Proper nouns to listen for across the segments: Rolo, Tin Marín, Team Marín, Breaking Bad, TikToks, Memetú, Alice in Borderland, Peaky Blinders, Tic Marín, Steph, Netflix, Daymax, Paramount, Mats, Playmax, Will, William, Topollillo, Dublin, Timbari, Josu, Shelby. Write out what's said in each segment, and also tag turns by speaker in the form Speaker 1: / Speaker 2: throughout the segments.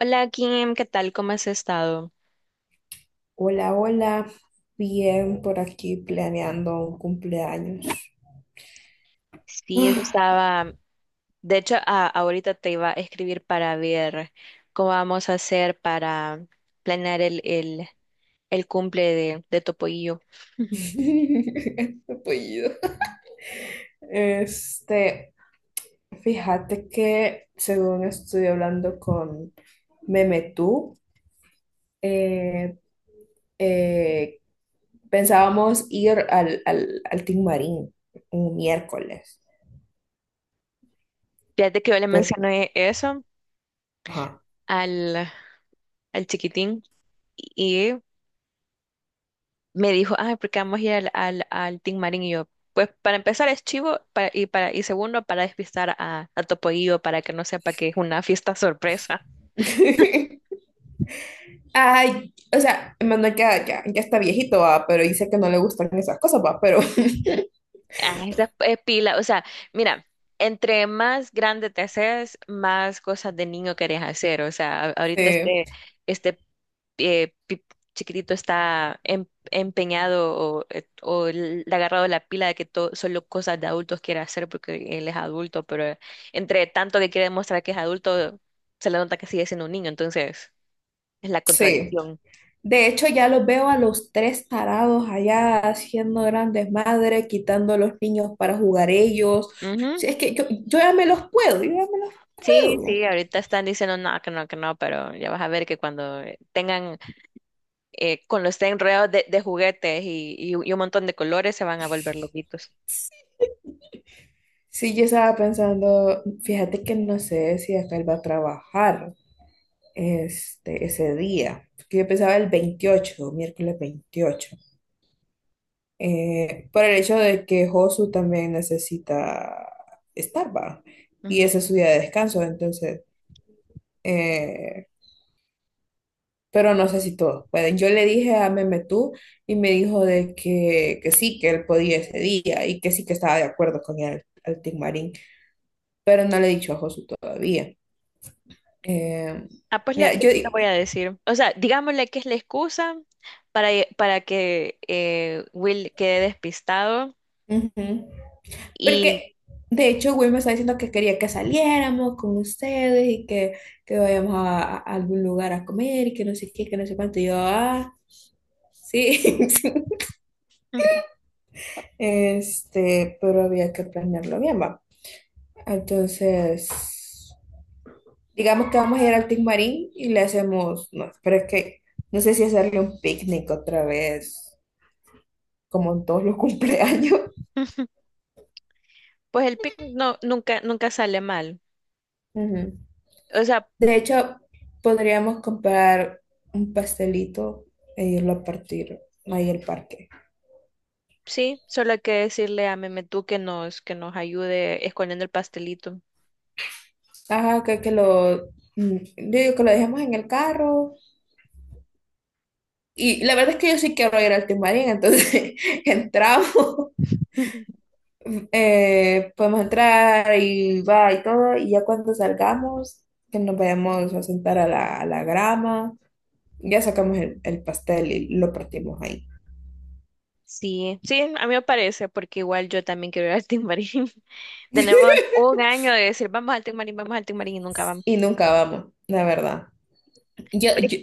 Speaker 1: Hola Kim, ¿qué tal? ¿Cómo has estado?
Speaker 2: Hola, hola. Bien por aquí planeando un cumpleaños.
Speaker 1: Sí, eso estaba. De hecho, ahorita te iba a escribir para ver cómo vamos a hacer para planear el cumple de tu pollillo.
Speaker 2: Apellido. Este, fíjate que según estoy hablando con Memetú, eh, eh, pensábamos ir al Tin Marín un miércoles,
Speaker 1: Fíjate que yo le
Speaker 2: pero,
Speaker 1: mencioné eso
Speaker 2: ajá.
Speaker 1: al, al chiquitín y me dijo, ah, porque vamos a ir al Tin Marín. Y yo, pues para empezar es chivo y segundo, para despistar a tu pollillo para que no sepa que es una fiesta sorpresa.
Speaker 2: Ay, o sea, Manuel ya, ya, ya está viejito, va, pero dice que no le gustan esas cosas, va, pero
Speaker 1: Ah, esa pila, o sea, mira, entre más grande te haces, más cosas de niño querés hacer. O sea, ahorita
Speaker 2: sí,
Speaker 1: este eh, pi- chiquitito está empeñado o le ha agarrado la pila de que todo, solo cosas de adultos quiere hacer porque él es adulto, pero entre tanto que quiere demostrar que es adulto, se le nota que sigue siendo un niño, entonces es la
Speaker 2: sí.
Speaker 1: contradicción.
Speaker 2: De hecho, ya los veo a los tres tarados allá haciendo grandes madres, quitando a los niños para jugar ellos.
Speaker 1: Ujú.
Speaker 2: Si es que yo ya me los puedo, yo ya me los
Speaker 1: Sí,
Speaker 2: puedo.
Speaker 1: sí, ahorita están diciendo no, que no, que no, pero ya vas a ver que cuando tengan con los enredados de juguetes y un montón de colores se van a volver loquitos.
Speaker 2: Sí, yo estaba pensando, fíjate que no sé si acá él va a trabajar este, ese día, porque yo pensaba el 28, miércoles 28, por el hecho de que Josu también necesita estar, va, y
Speaker 1: Ujú.
Speaker 2: ese es su día de descanso, entonces... eh, pero no sé si todos pueden. Yo le dije a Meme tú y me dijo de que sí, que él podía ese día y que sí, que estaba de acuerdo con el Team Marín, pero no le he dicho a Josu todavía. Eh,
Speaker 1: Ah, pues
Speaker 2: Mira, yo
Speaker 1: le
Speaker 2: digo,
Speaker 1: voy a decir. O sea, digámosle que es la excusa para, para que Will quede despistado
Speaker 2: ujú,
Speaker 1: y
Speaker 2: porque de hecho Will me está diciendo que quería que saliéramos con ustedes y que vayamos a algún lugar a comer y que no sé qué, que no sé cuánto. Y yo, ah, sí, sí. Este, pero había que planearlo bien, va. Entonces, digamos que vamos a ir al Tic Marín y le hacemos, no, pero es que no sé si hacerle un picnic otra vez, como en todos los cumpleaños.
Speaker 1: pues el picnic no, nunca, nunca sale mal.
Speaker 2: Ujú.
Speaker 1: O sea,
Speaker 2: De hecho, podríamos comprar un pastelito e irlo a partir ahí al parque.
Speaker 1: sí, solo hay que decirle a Memetú que nos ayude escondiendo el pastelito.
Speaker 2: Ajá, que lo, yo digo que lo dejemos en el carro. Y la verdad es que yo sí quiero ir al Timarín, entonces entramos, podemos entrar y va y todo, y ya cuando salgamos, que nos vayamos a sentar a la grama, ya sacamos el pastel y lo partimos ahí.
Speaker 1: Sí, sí, a mí me parece, porque igual yo también quiero ir al Timbari. Tenemos un año de decir, vamos al Tic Marín, vamos al Tic Marín y nunca vamos.
Speaker 2: Y nunca vamos, la verdad. Yo, yo,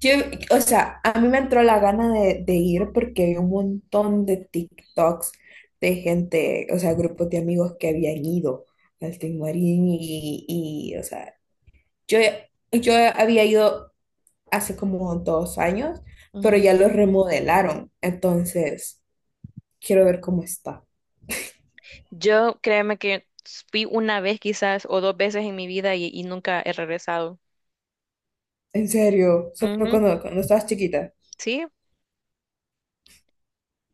Speaker 2: yo, o sea, a mí me entró la gana de ir porque vi un montón de TikToks de gente, o sea, grupos de amigos que habían ido al Tin Marín y, o sea, yo, yo había ido hace como 2 años, pero
Speaker 1: Ujú.
Speaker 2: ya lo remodelaron. Entonces, quiero ver cómo está.
Speaker 1: Yo créeme que fui una vez quizás o dos veces en mi vida nunca he regresado.
Speaker 2: En serio, solo
Speaker 1: Ujú.
Speaker 2: cuando estabas chiquita.
Speaker 1: Sí,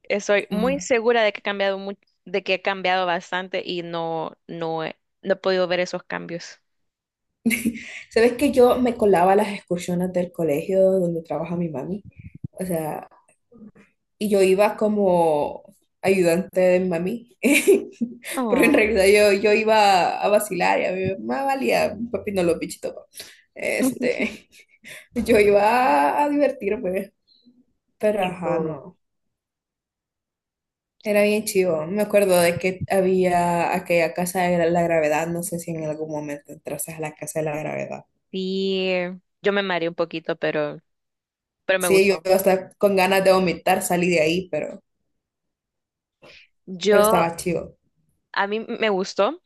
Speaker 1: estoy muy
Speaker 2: Ah.
Speaker 1: segura de que he cambiado bastante y no, no he podido ver esos cambios.
Speaker 2: ¿Sabes que yo me colaba a las excursiones del colegio donde trabaja mi mami? O sea, y yo iba como ayudante de mi mami. Pero en
Speaker 1: Oh,
Speaker 2: realidad yo iba a vacilar y a mí me valía, papi no lo pichito pues. Este, yo iba a divertirme, pero ajá,
Speaker 1: eso.
Speaker 2: no. Era bien chivo. Me acuerdo de que había aquella casa de la gravedad. No sé si en algún momento entraste a la casa de la gravedad.
Speaker 1: Sí, yo me mareé un poquito, pero me
Speaker 2: Sí, yo
Speaker 1: gustó.
Speaker 2: hasta con ganas de vomitar salí de ahí, pero
Speaker 1: Yo,
Speaker 2: estaba chivo.
Speaker 1: a mí me gustó.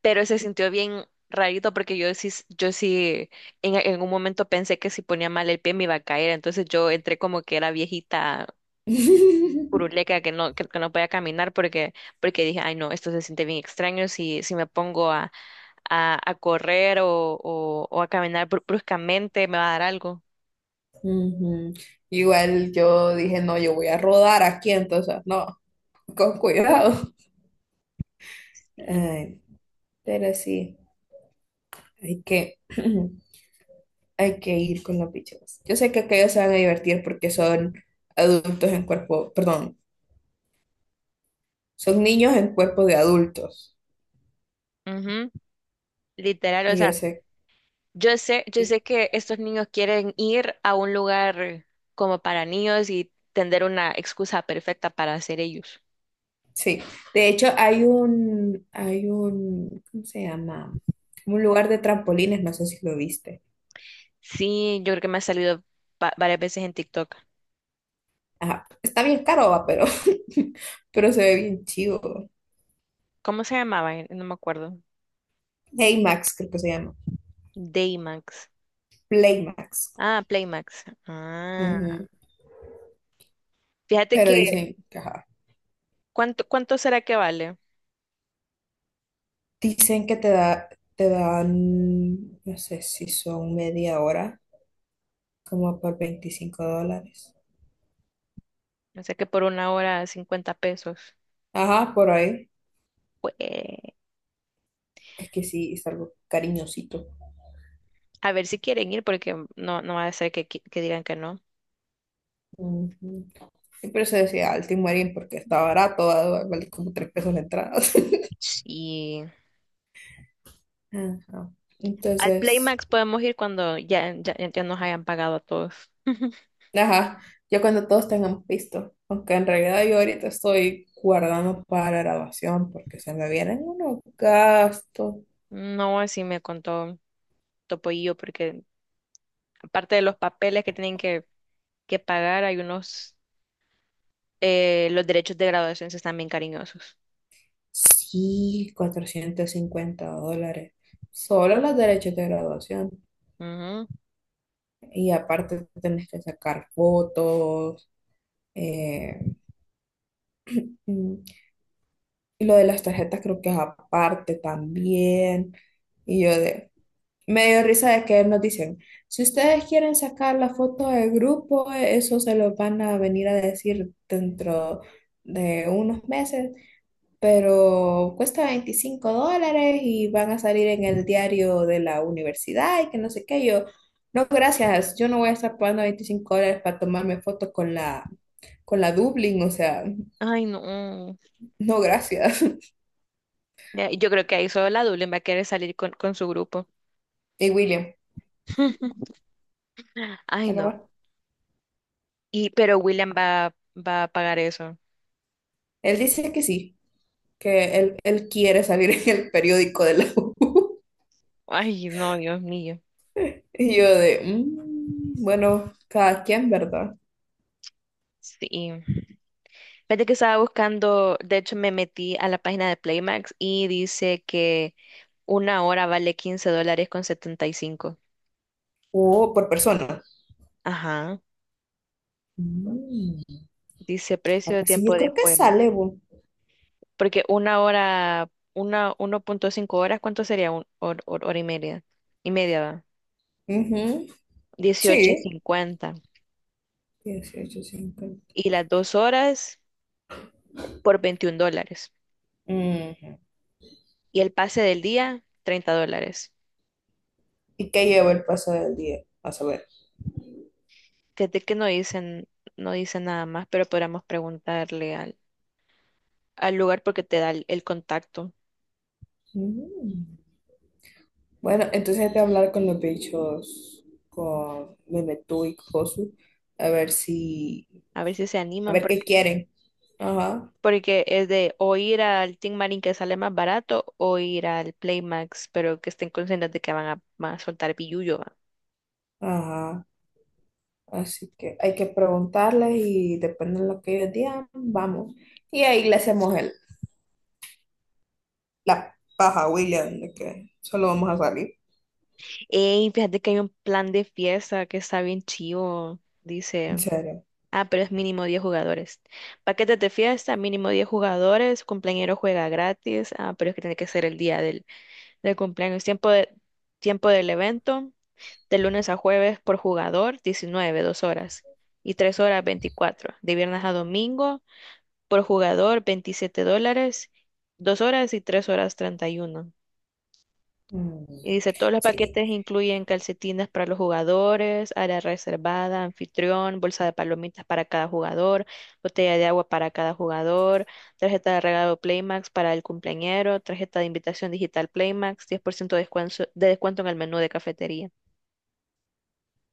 Speaker 1: Pero se sintió bien rarito porque yo sí en un momento pensé que si ponía mal el pie me iba a caer, entonces yo entré como que era viejita curuleca que no, que no podía caminar porque, porque dije, ay no, esto se siente bien extraño si, me pongo a correr o a caminar bruscamente me va a dar algo.
Speaker 2: Ujú. Igual yo dije, no, yo voy a rodar aquí, entonces, no, con cuidado.
Speaker 1: Sí.
Speaker 2: Ay, pero sí, hay que, hay que ir con los bichos. Yo sé que aquellos se van a divertir porque son adultos en cuerpo, perdón, son niños en cuerpo de adultos.
Speaker 1: Ujú. Literal, o
Speaker 2: Y yo
Speaker 1: sea,
Speaker 2: sé,
Speaker 1: yo
Speaker 2: que-
Speaker 1: sé que estos niños quieren ir a un lugar como para niños y tender una excusa perfecta para hacer ellos.
Speaker 2: sí. De hecho, hay un, ¿cómo se llama? Un lugar de trampolines, no sé si lo viste.
Speaker 1: Sí, yo creo que me ha salido varias veces en TikTok.
Speaker 2: Ajá. Está bien caro, va, pero, pero se ve bien chido.
Speaker 1: ¿Cómo se llamaba? No me acuerdo.
Speaker 2: Playmax, creo que se llama.
Speaker 1: Daymax.
Speaker 2: Playmax.
Speaker 1: Ah, Playmax. Ah.
Speaker 2: Ujú.
Speaker 1: Fíjate
Speaker 2: Pero
Speaker 1: que,
Speaker 2: dicen, ajá,
Speaker 1: cuánto será que vale.
Speaker 2: dicen que te da, te dan, no sé si son media hora, como por 25 dólares.
Speaker 1: O sea que por 1 hora 50 pesos.
Speaker 2: Ajá, por ahí.
Speaker 1: Pues,
Speaker 2: Es que sí, es algo cariñosito.
Speaker 1: a ver si quieren ir, porque no, no va a ser que, que digan que no.
Speaker 2: Ujú. Sí, por eso decía al Timurín, porque está barato, vale como 3 pesos la entrada.
Speaker 1: Y
Speaker 2: Ajá.
Speaker 1: al
Speaker 2: Entonces,
Speaker 1: Playmax podemos ir cuando ya nos hayan pagado a todos.
Speaker 2: ajá, ya cuando todos tengamos visto, aunque en realidad yo ahorita estoy guardando para la graduación porque se me vienen unos gastos.
Speaker 1: No, así me contó Topollillo, porque aparte de los papeles que tienen que pagar, hay unos. Los derechos de graduación sí están bien cariñosos.
Speaker 2: Sí, 450 dólares. Solo los derechos de graduación.
Speaker 1: Ujú.
Speaker 2: Y aparte tenés que sacar fotos, eh, mm, y lo de las tarjetas creo que es aparte también. Y yo de... Me dio risa de que nos dicen, si ustedes quieren sacar la foto del grupo, eso se lo van a venir a decir dentro de unos meses, pero cuesta 25 dólares y van a salir en el diario de la universidad y que no sé qué. Yo, no, gracias, yo no voy a estar pagando 25 dólares para tomarme foto con la Dublin, o sea,
Speaker 1: Ay, no.
Speaker 2: no, gracias.
Speaker 1: Ya, yo creo que ahí solo la Dublin va a querer salir con su grupo.
Speaker 2: Y William,
Speaker 1: Ay,
Speaker 2: se lo
Speaker 1: no.
Speaker 2: va.
Speaker 1: Y, pero William va a pagar eso.
Speaker 2: Él dice que sí, que él quiere salir en el periódico de la U.
Speaker 1: Ay, no, Dios mío.
Speaker 2: Y yo de, "Mm, bueno, cada quien, ¿verdad?".
Speaker 1: Sí. Fíjate que estaba buscando, de hecho me metí a la página de Playmax y dice que 1 hora vale $15.75.
Speaker 2: O por persona.
Speaker 1: Ajá.
Speaker 2: Mm,
Speaker 1: Dice precio
Speaker 2: ah,
Speaker 1: de
Speaker 2: pues sí,
Speaker 1: tiempo
Speaker 2: yo
Speaker 1: de
Speaker 2: creo que
Speaker 1: juego.
Speaker 2: sale, bu.
Speaker 1: Porque una hora, 1.5 horas, ¿cuánto sería? Un, hor- hor- hora y media. Y media, va.
Speaker 2: Ujú.
Speaker 1: dieciocho
Speaker 2: Sí.
Speaker 1: cincuenta
Speaker 2: 18.50.
Speaker 1: Y las 2 horas por $21.
Speaker 2: Ujú.
Speaker 1: Y el pase del día, $30.
Speaker 2: ¿Y qué llevo el paso del día? A saber.
Speaker 1: Fíjate que no dicen nada más, pero podríamos preguntarle al lugar porque te da el contacto.
Speaker 2: Mm. Bueno, entonces hay que hablar con los bichos, con Memetú y Josu, a ver si,
Speaker 1: A ver si se
Speaker 2: a
Speaker 1: animan,
Speaker 2: ver qué
Speaker 1: porque,
Speaker 2: quieren. Ajá,
Speaker 1: porque es de o ir al Team Marín que sale más barato o ir al Playmax, pero que estén conscientes de que van a soltar billullo.
Speaker 2: ajá. Así que hay que preguntarles y depende de lo que ellos digan, vamos. Y ahí le hacemos el, la paja a William de que solo vamos a salir.
Speaker 1: Ey, fíjate que hay un plan de fiesta que está bien chivo,
Speaker 2: En
Speaker 1: dice.
Speaker 2: serio.
Speaker 1: Ah, pero es mínimo 10 jugadores. Paquetes de fiesta, mínimo 10 jugadores, cumpleañero juega gratis. Ah, pero es que tiene que ser el día del cumpleaños. Tiempo del evento, de lunes a jueves por jugador, 19, 2 horas. Y 3 horas, 24. De viernes a domingo, por jugador, $27, 2 horas y 3 horas, 31.
Speaker 2: Mm.
Speaker 1: Y dice, todos los
Speaker 2: Sí,
Speaker 1: paquetes incluyen calcetines para los jugadores, área reservada, anfitrión, bolsa de palomitas para cada jugador, botella de agua para cada jugador, tarjeta de regalo Playmax para el cumpleañero, tarjeta de invitación digital Playmax, 10% de descuento en el menú de cafetería.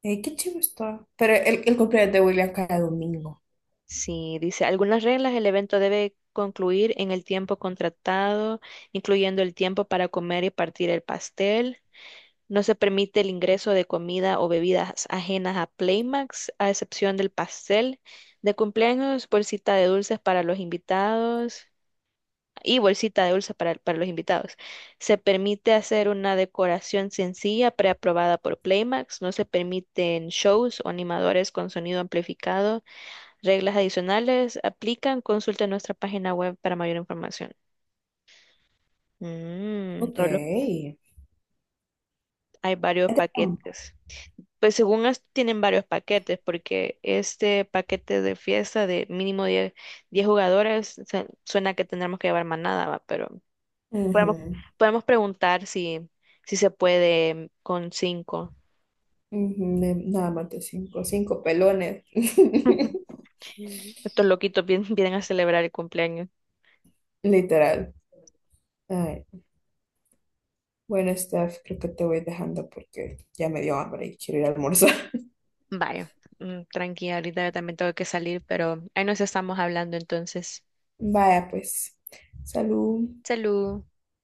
Speaker 2: qué chido está. Pero el cumpleaños de William cada domingo.
Speaker 1: Sí, dice, algunas reglas, el evento debe concluir en el tiempo contratado, incluyendo el tiempo para comer y partir el pastel. No se permite el ingreso de comida o bebidas ajenas a Playmax, a excepción del pastel de cumpleaños, bolsita de dulces para los invitados y bolsita de dulces para los invitados. Se permite hacer una decoración sencilla preaprobada por Playmax. No se permiten shows o animadores con sonido amplificado. Reglas adicionales aplican. Consulta nuestra página web para mayor información.
Speaker 2: Ok.
Speaker 1: Rolo,
Speaker 2: Es
Speaker 1: hay varios
Speaker 2: de campo.
Speaker 1: paquetes. Pues según esto tienen varios paquetes, porque este paquete de fiesta de mínimo 10 jugadores suena que tendremos que llevar manada, va, pero podemos,
Speaker 2: Ujú,
Speaker 1: podemos preguntar si, si se puede con cinco.
Speaker 2: ujú, nada más de cinco, cinco pelones.
Speaker 1: Estos loquitos vienen a celebrar el cumpleaños.
Speaker 2: Literal. Ay. Bueno, Steph, creo que te voy dejando porque ya me dio hambre y quiero ir a almorzar.
Speaker 1: Vaya, tranqui, ahorita yo también tengo que salir, pero ahí nos estamos hablando entonces.
Speaker 2: Vaya, pues, salud.
Speaker 1: Salud.